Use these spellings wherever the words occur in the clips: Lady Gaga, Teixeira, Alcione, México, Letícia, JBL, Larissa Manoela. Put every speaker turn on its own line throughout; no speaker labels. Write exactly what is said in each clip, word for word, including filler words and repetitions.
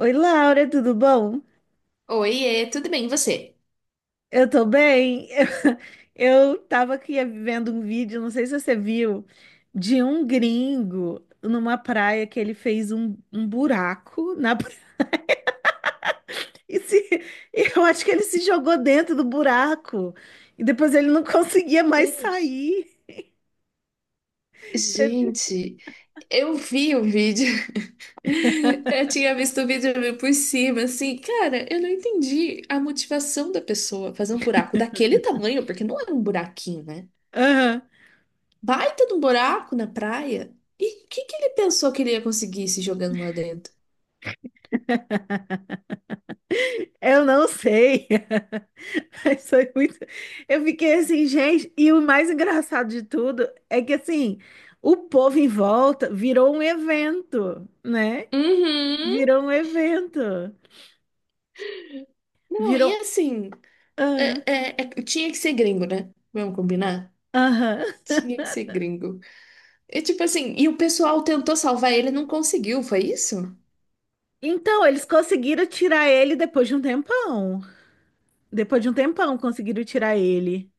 Oi, Laura, tudo bom?
Oiê, tudo bem, e você?
Eu tô bem. Eu tava aqui vendo um vídeo, não sei se você viu, de um gringo numa praia que ele fez um, um buraco na praia. E se- E eu acho que ele se jogou dentro do buraco e depois ele não conseguia mais
Deus.
sair. Você-
Gente, eu vi o vídeo. Eu tinha visto o vídeo meio por cima, assim, cara, eu não entendi a motivação da pessoa fazer um buraco daquele tamanho, porque não era um buraquinho, né?
Aham.
Baita de um buraco na praia. E o que que ele pensou que ele ia conseguir se jogando lá dentro?
Eu não sei. Isso foi muito. Eu fiquei assim, gente, e o mais engraçado de tudo é que assim, o povo em volta virou um evento, né?
Uhum.
Virou um evento.
Não, e
Virou.
assim,
Ah,
é- é- é- tinha que ser gringo, né? Vamos combinar?
aham.
Tinha que ser gringo. E tipo assim, e o pessoal tentou salvar ele, e não conseguiu, foi isso?
Então, eles conseguiram tirar ele depois de um tempão. Depois de um tempão, conseguiram tirar ele.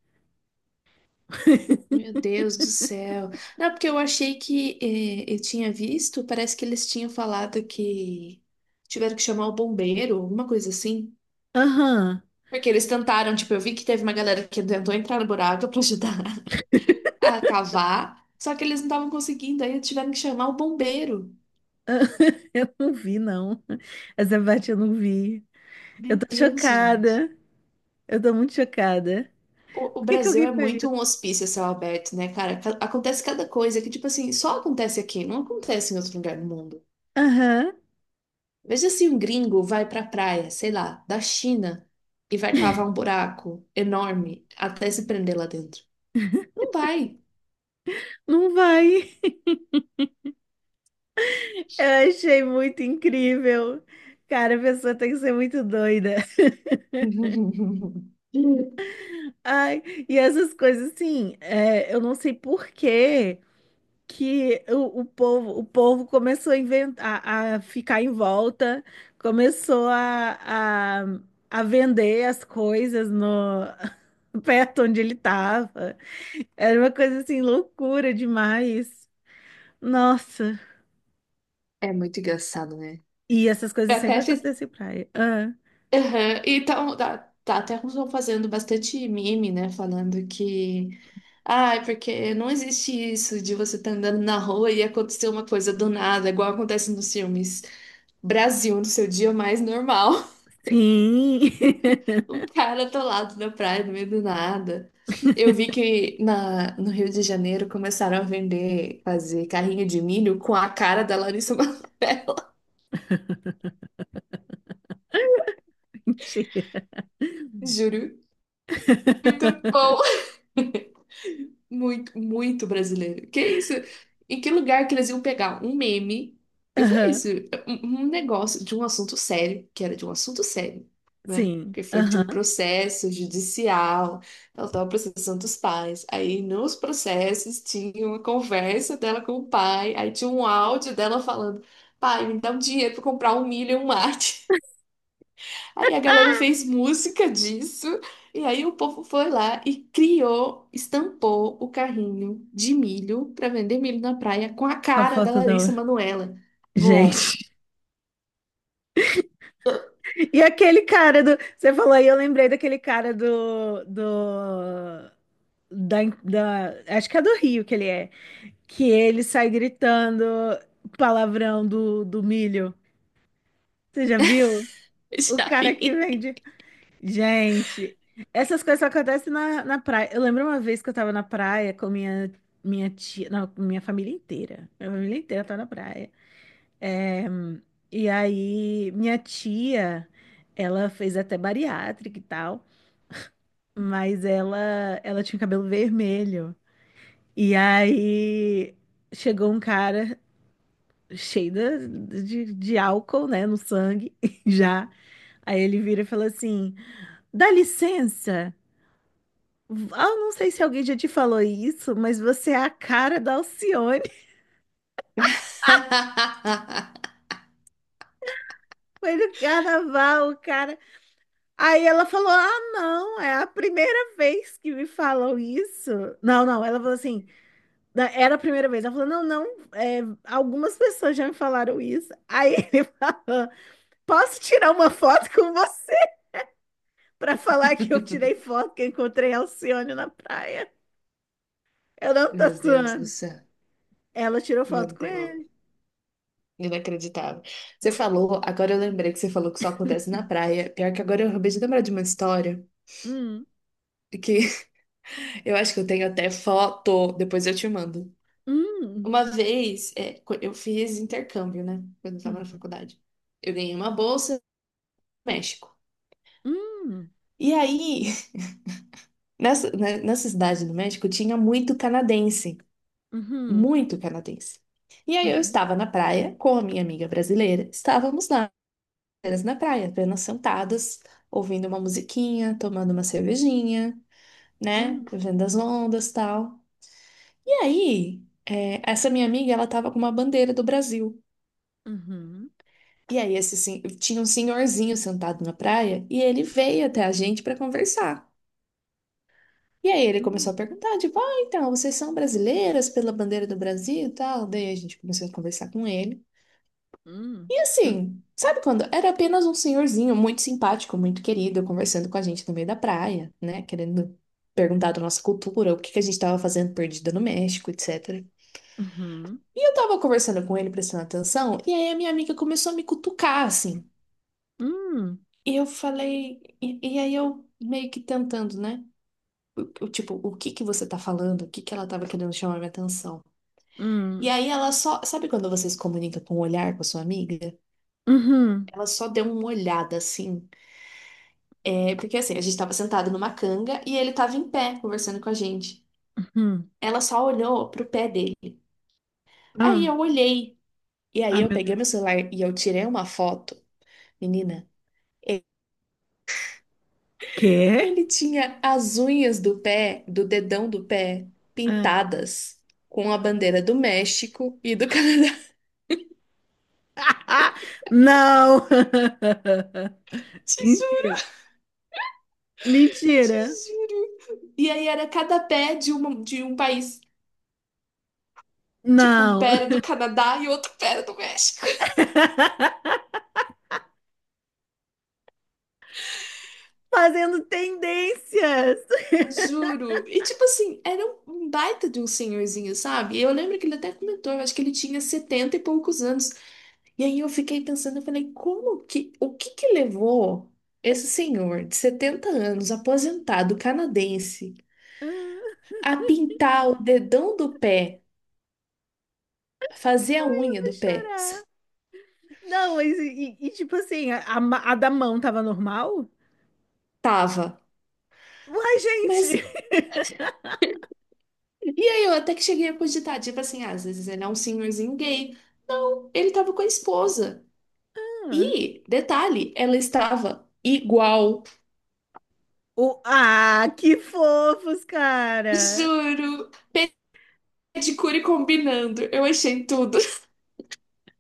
Meu Deus do céu. Não, porque eu achei que eh, eu tinha visto, parece que eles tinham falado que tiveram que chamar o bombeiro, alguma coisa assim.
Aham.
Porque eles tentaram, tipo, eu vi que teve uma galera que tentou entrar no buraco pra ajudar a cavar, só que eles não estavam conseguindo, aí tiveram que chamar o bombeiro.
Eu não vi, não. Essa parte eu não vi. Eu
Meu
tô
Deus, gente.
chocada. Eu tô muito chocada.
O, o
Por que que
Brasil é
alguém faria
muito um
isso?
hospício a céu aberto, né, cara? Ca- Acontece cada coisa que, tipo assim, só acontece aqui, não acontece em outro lugar do mundo.
Aham.
Veja se um gringo vai pra praia, sei lá, da China, e vai cavar um buraco enorme até se prender lá dentro. Não vai.
Não vai. Eu achei muito incrível. Cara, a pessoa tem que ser muito doida. Ai, e essas coisas assim, é, eu não sei por que que o, o povo, o povo começou a inventar, a, a ficar em volta, começou a, a, a vender as coisas no perto onde ele estava. Era uma coisa assim, loucura demais. Nossa.
É muito engraçado, né?
E essas
Eu
coisas
até
sempre
fiz.
acontecem em praia. Ah,
Aham. Então, tá, tá, até estão fazendo bastante meme, né? Falando que. Ai, porque não existe isso de você estar andando na rua e acontecer uma coisa do nada, igual acontece nos filmes. Brasil, no seu dia mais normal.
sim.
Um cara atolado na praia, no meio do nada. Eu vi que na, no Rio de Janeiro começaram a vender, fazer carrinho de milho com a cara da Larissa Manoela.
Mentira.
Juro. Bom. Muito, muito brasileiro. Que isso? Em que lugar que eles iam pegar um meme? Eu falei
Aham,
isso, um um negócio de um assunto sério, que era de um assunto sério, né?
sim,
Que foi de um
aham,
processo judicial. Ela estava processando os pais. Aí nos processos tinha uma conversa dela com o pai. Aí tinha um áudio dela falando: pai, me dá um dinheiro para comprar um milho e um mate. Aí a galera fez música disso, e aí o povo foi lá e criou, estampou o carrinho de milho para vender milho na praia com a
com a
cara da
foto da
Larissa
outra.
Manoela. Bom,
Gente, e aquele cara do. Você falou aí, eu lembrei daquele cara do. Do da, da- acho que é do Rio que ele é. Que ele sai gritando palavrão do, do milho. Você já viu? O
já
cara que
vi.
vende. Gente, essas coisas só acontecem na, na praia. Eu lembro uma vez que eu tava na praia com minha, minha tia. Não, minha família inteira. Minha família inteira tá na praia. É, e aí, minha tia, ela fez até bariátrica e tal, mas ela, ela tinha o cabelo vermelho. E aí, chegou um cara cheio da- de, de álcool, né, no sangue, já. Aí ele vira e fala assim: dá licença. Ah, eu não sei se alguém já te falou isso, mas você é a cara da Alcione. Foi no carnaval, o cara. Aí ela falou: "Ah, não, é a primeira vez que me falam isso." Não, não, ela falou assim: "Da- "Era a primeira vez." Ela falou: "Não, não, é, algumas pessoas já me falaram isso." Aí ele falou: "Posso tirar uma foto com você para falar que eu tirei foto que eu encontrei a Alcione na praia?" Eu não tô
Meu Deus do
zoando.
céu.
Ela tirou
Meu
foto com ele.
Deus. Inacreditável. Você falou, agora eu lembrei que você falou que só acontece na praia. Pior que agora eu acabei de lembrar de uma história
Hum,
que eu acho que eu tenho até foto, depois eu te mando.
hum,
Uma vez, é, co- eu fiz intercâmbio, né? Quando eu estava na
hum,
faculdade. Eu ganhei uma bolsa no México.
hum,
E aí, nessa, né, nessa cidade do México, tinha muito canadense.
uhum,
Muito canadense. E aí, eu
uhum,
estava na praia com a minha amiga brasileira. Estávamos lá, apenas na praia, apenas sentadas, ouvindo uma musiquinha, tomando uma cervejinha, né?
hum,
Vendo as ondas e tal. E aí, é, essa minha amiga, ela estava com uma bandeira do Brasil.
uhum,
E aí esse, sen- tinha um senhorzinho sentado na praia e ele veio até a gente para conversar. E aí ele começou
hum,
a perguntar, tipo, ah, então, vocês são brasileiras pela bandeira do Brasil e tal? Daí a gente começou a conversar com ele.
hum,
E assim, sabe quando? Era apenas um senhorzinho muito simpático, muito querido, conversando com a gente no meio da praia, né? Querendo perguntar da nossa cultura, o que que a gente estava fazendo perdida no México, et cetera.
uhum,
E eu tava conversando com ele, prestando atenção, e aí a minha amiga começou a me cutucar, assim.
hum.
E eu falei, e, e aí eu meio que tentando, né? O- o Tipo, o que que você tá falando? O que que ela tava querendo chamar minha atenção? E
Hum,
aí ela só, sabe quando você se comunica com o olhar com a sua amiga?
uhum,
Ela só deu uma olhada assim. É, porque assim, a gente tava sentado numa canga e ele tava em pé conversando com a gente.
uhum.
Ela só olhou pro pé dele. Aí
Ah,
eu olhei. E aí
ai,
eu
meu
peguei meu
Deus.
celular e eu tirei uma foto. Menina,
Quê?
ele tinha as unhas do pé, do dedão do pé,
Ah.
pintadas com a bandeira do México e do Canadá.
Não!
Te juro,
Mentira.
te
Mentira.
juro. E aí era cada pé de, uma, de um país. Tipo, um
Não.
pé era do Canadá e outro pé era do México.
Fazendo tendências.
Juro. E tipo assim, era um um baita de um senhorzinho, sabe? Eu lembro que ele até comentou, eu acho que ele tinha setenta e poucos anos. E aí eu fiquei pensando, eu falei, como que, o que que levou esse senhor de setenta anos, aposentado canadense,
Ah,
a pintar o dedão do pé, fazer a
eu
unha
vou
do pé?
chorar. Não, mas e, e- tipo assim, a, a ma- a da mão tava normal?
Tava.
Uai,
Mas,
gente!
e aí eu até que cheguei a cogitar, tipo assim, ah, às vezes ele é um senhorzinho gay. Não, ele tava com a esposa.
Ah,
E, detalhe, ela estava igual.
o, ah, que fofos, cara!
Juro, é de cure combinando. Eu achei tudo.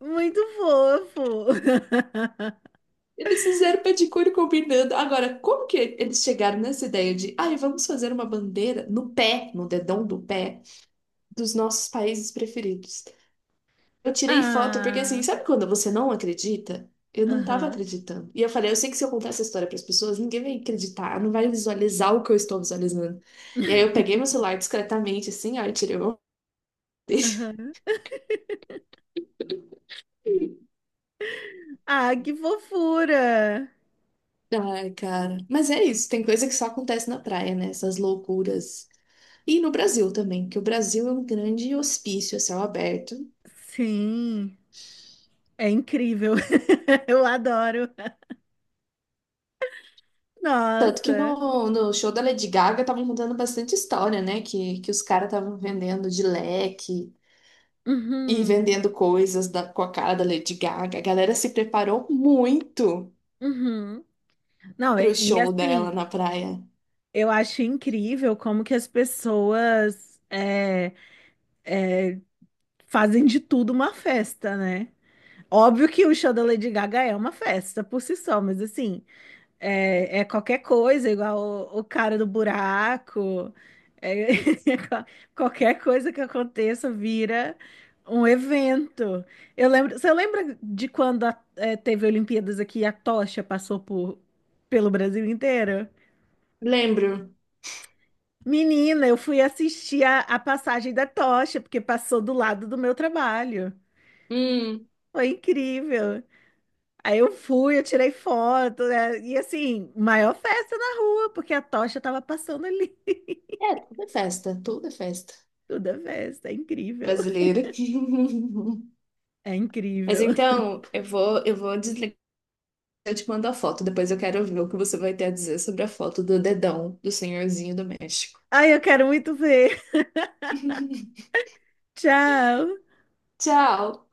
Muito fofo.
Eles fizeram pedicure combinando. Agora, como que eles chegaram nessa ideia de, ai, vamos fazer uma bandeira no pé, no dedão do pé, dos nossos países preferidos? Eu tirei foto porque, assim,
Ah,
sabe quando você não acredita? Eu não tava
aham,
acreditando. E eu falei, eu sei que se eu contar essa história para as pessoas, ninguém vai acreditar, não vai visualizar o que eu estou visualizando. E aí eu peguei meu celular discretamente, assim, ó, e tirei uma foto.
aham. Ah, que fofura.
Ai, cara. Mas é isso, tem coisa que só acontece na praia, né? Essas loucuras. E no Brasil também, que o Brasil é um grande hospício a céu aberto.
Sim, é incrível. Eu adoro.
Tanto que
Nossa.
no, no show da Lady Gaga estavam contando bastante história, né? Que, que os caras estavam vendendo de leque e
Uhum,
vendendo coisas da- com a cara da Lady Gaga. A galera se preparou muito
uhum. Não,
pro
e, e
show dela
assim,
na praia.
eu acho incrível como que as pessoas é, é, fazem de tudo uma festa, né? Óbvio que o show da Lady Gaga é uma festa por si só, mas assim, é, é qualquer coisa, igual o, o cara do buraco. É, qualquer coisa que aconteça vira um evento. Eu lembro, você lembra de quando a- é, teve Olimpíadas aqui e a tocha passou por, pelo Brasil inteiro?
Lembro.
Menina, eu fui assistir a, a passagem da tocha, porque passou do lado do meu trabalho.
Hum,
Foi incrível. Aí eu fui, eu tirei foto, né? E assim, maior festa na rua, porque a tocha tava passando ali.
é, tudo é festa, tudo é festa
Toda festa, é incrível.
brasileira.
É
Mas
incrível.
então, eu vou, eu vou desligar. Eu te mando a foto, depois eu quero ver o que você vai ter a dizer sobre a foto do dedão do senhorzinho do México.
Ai, eu quero muito ver. Tchau.
Tchau!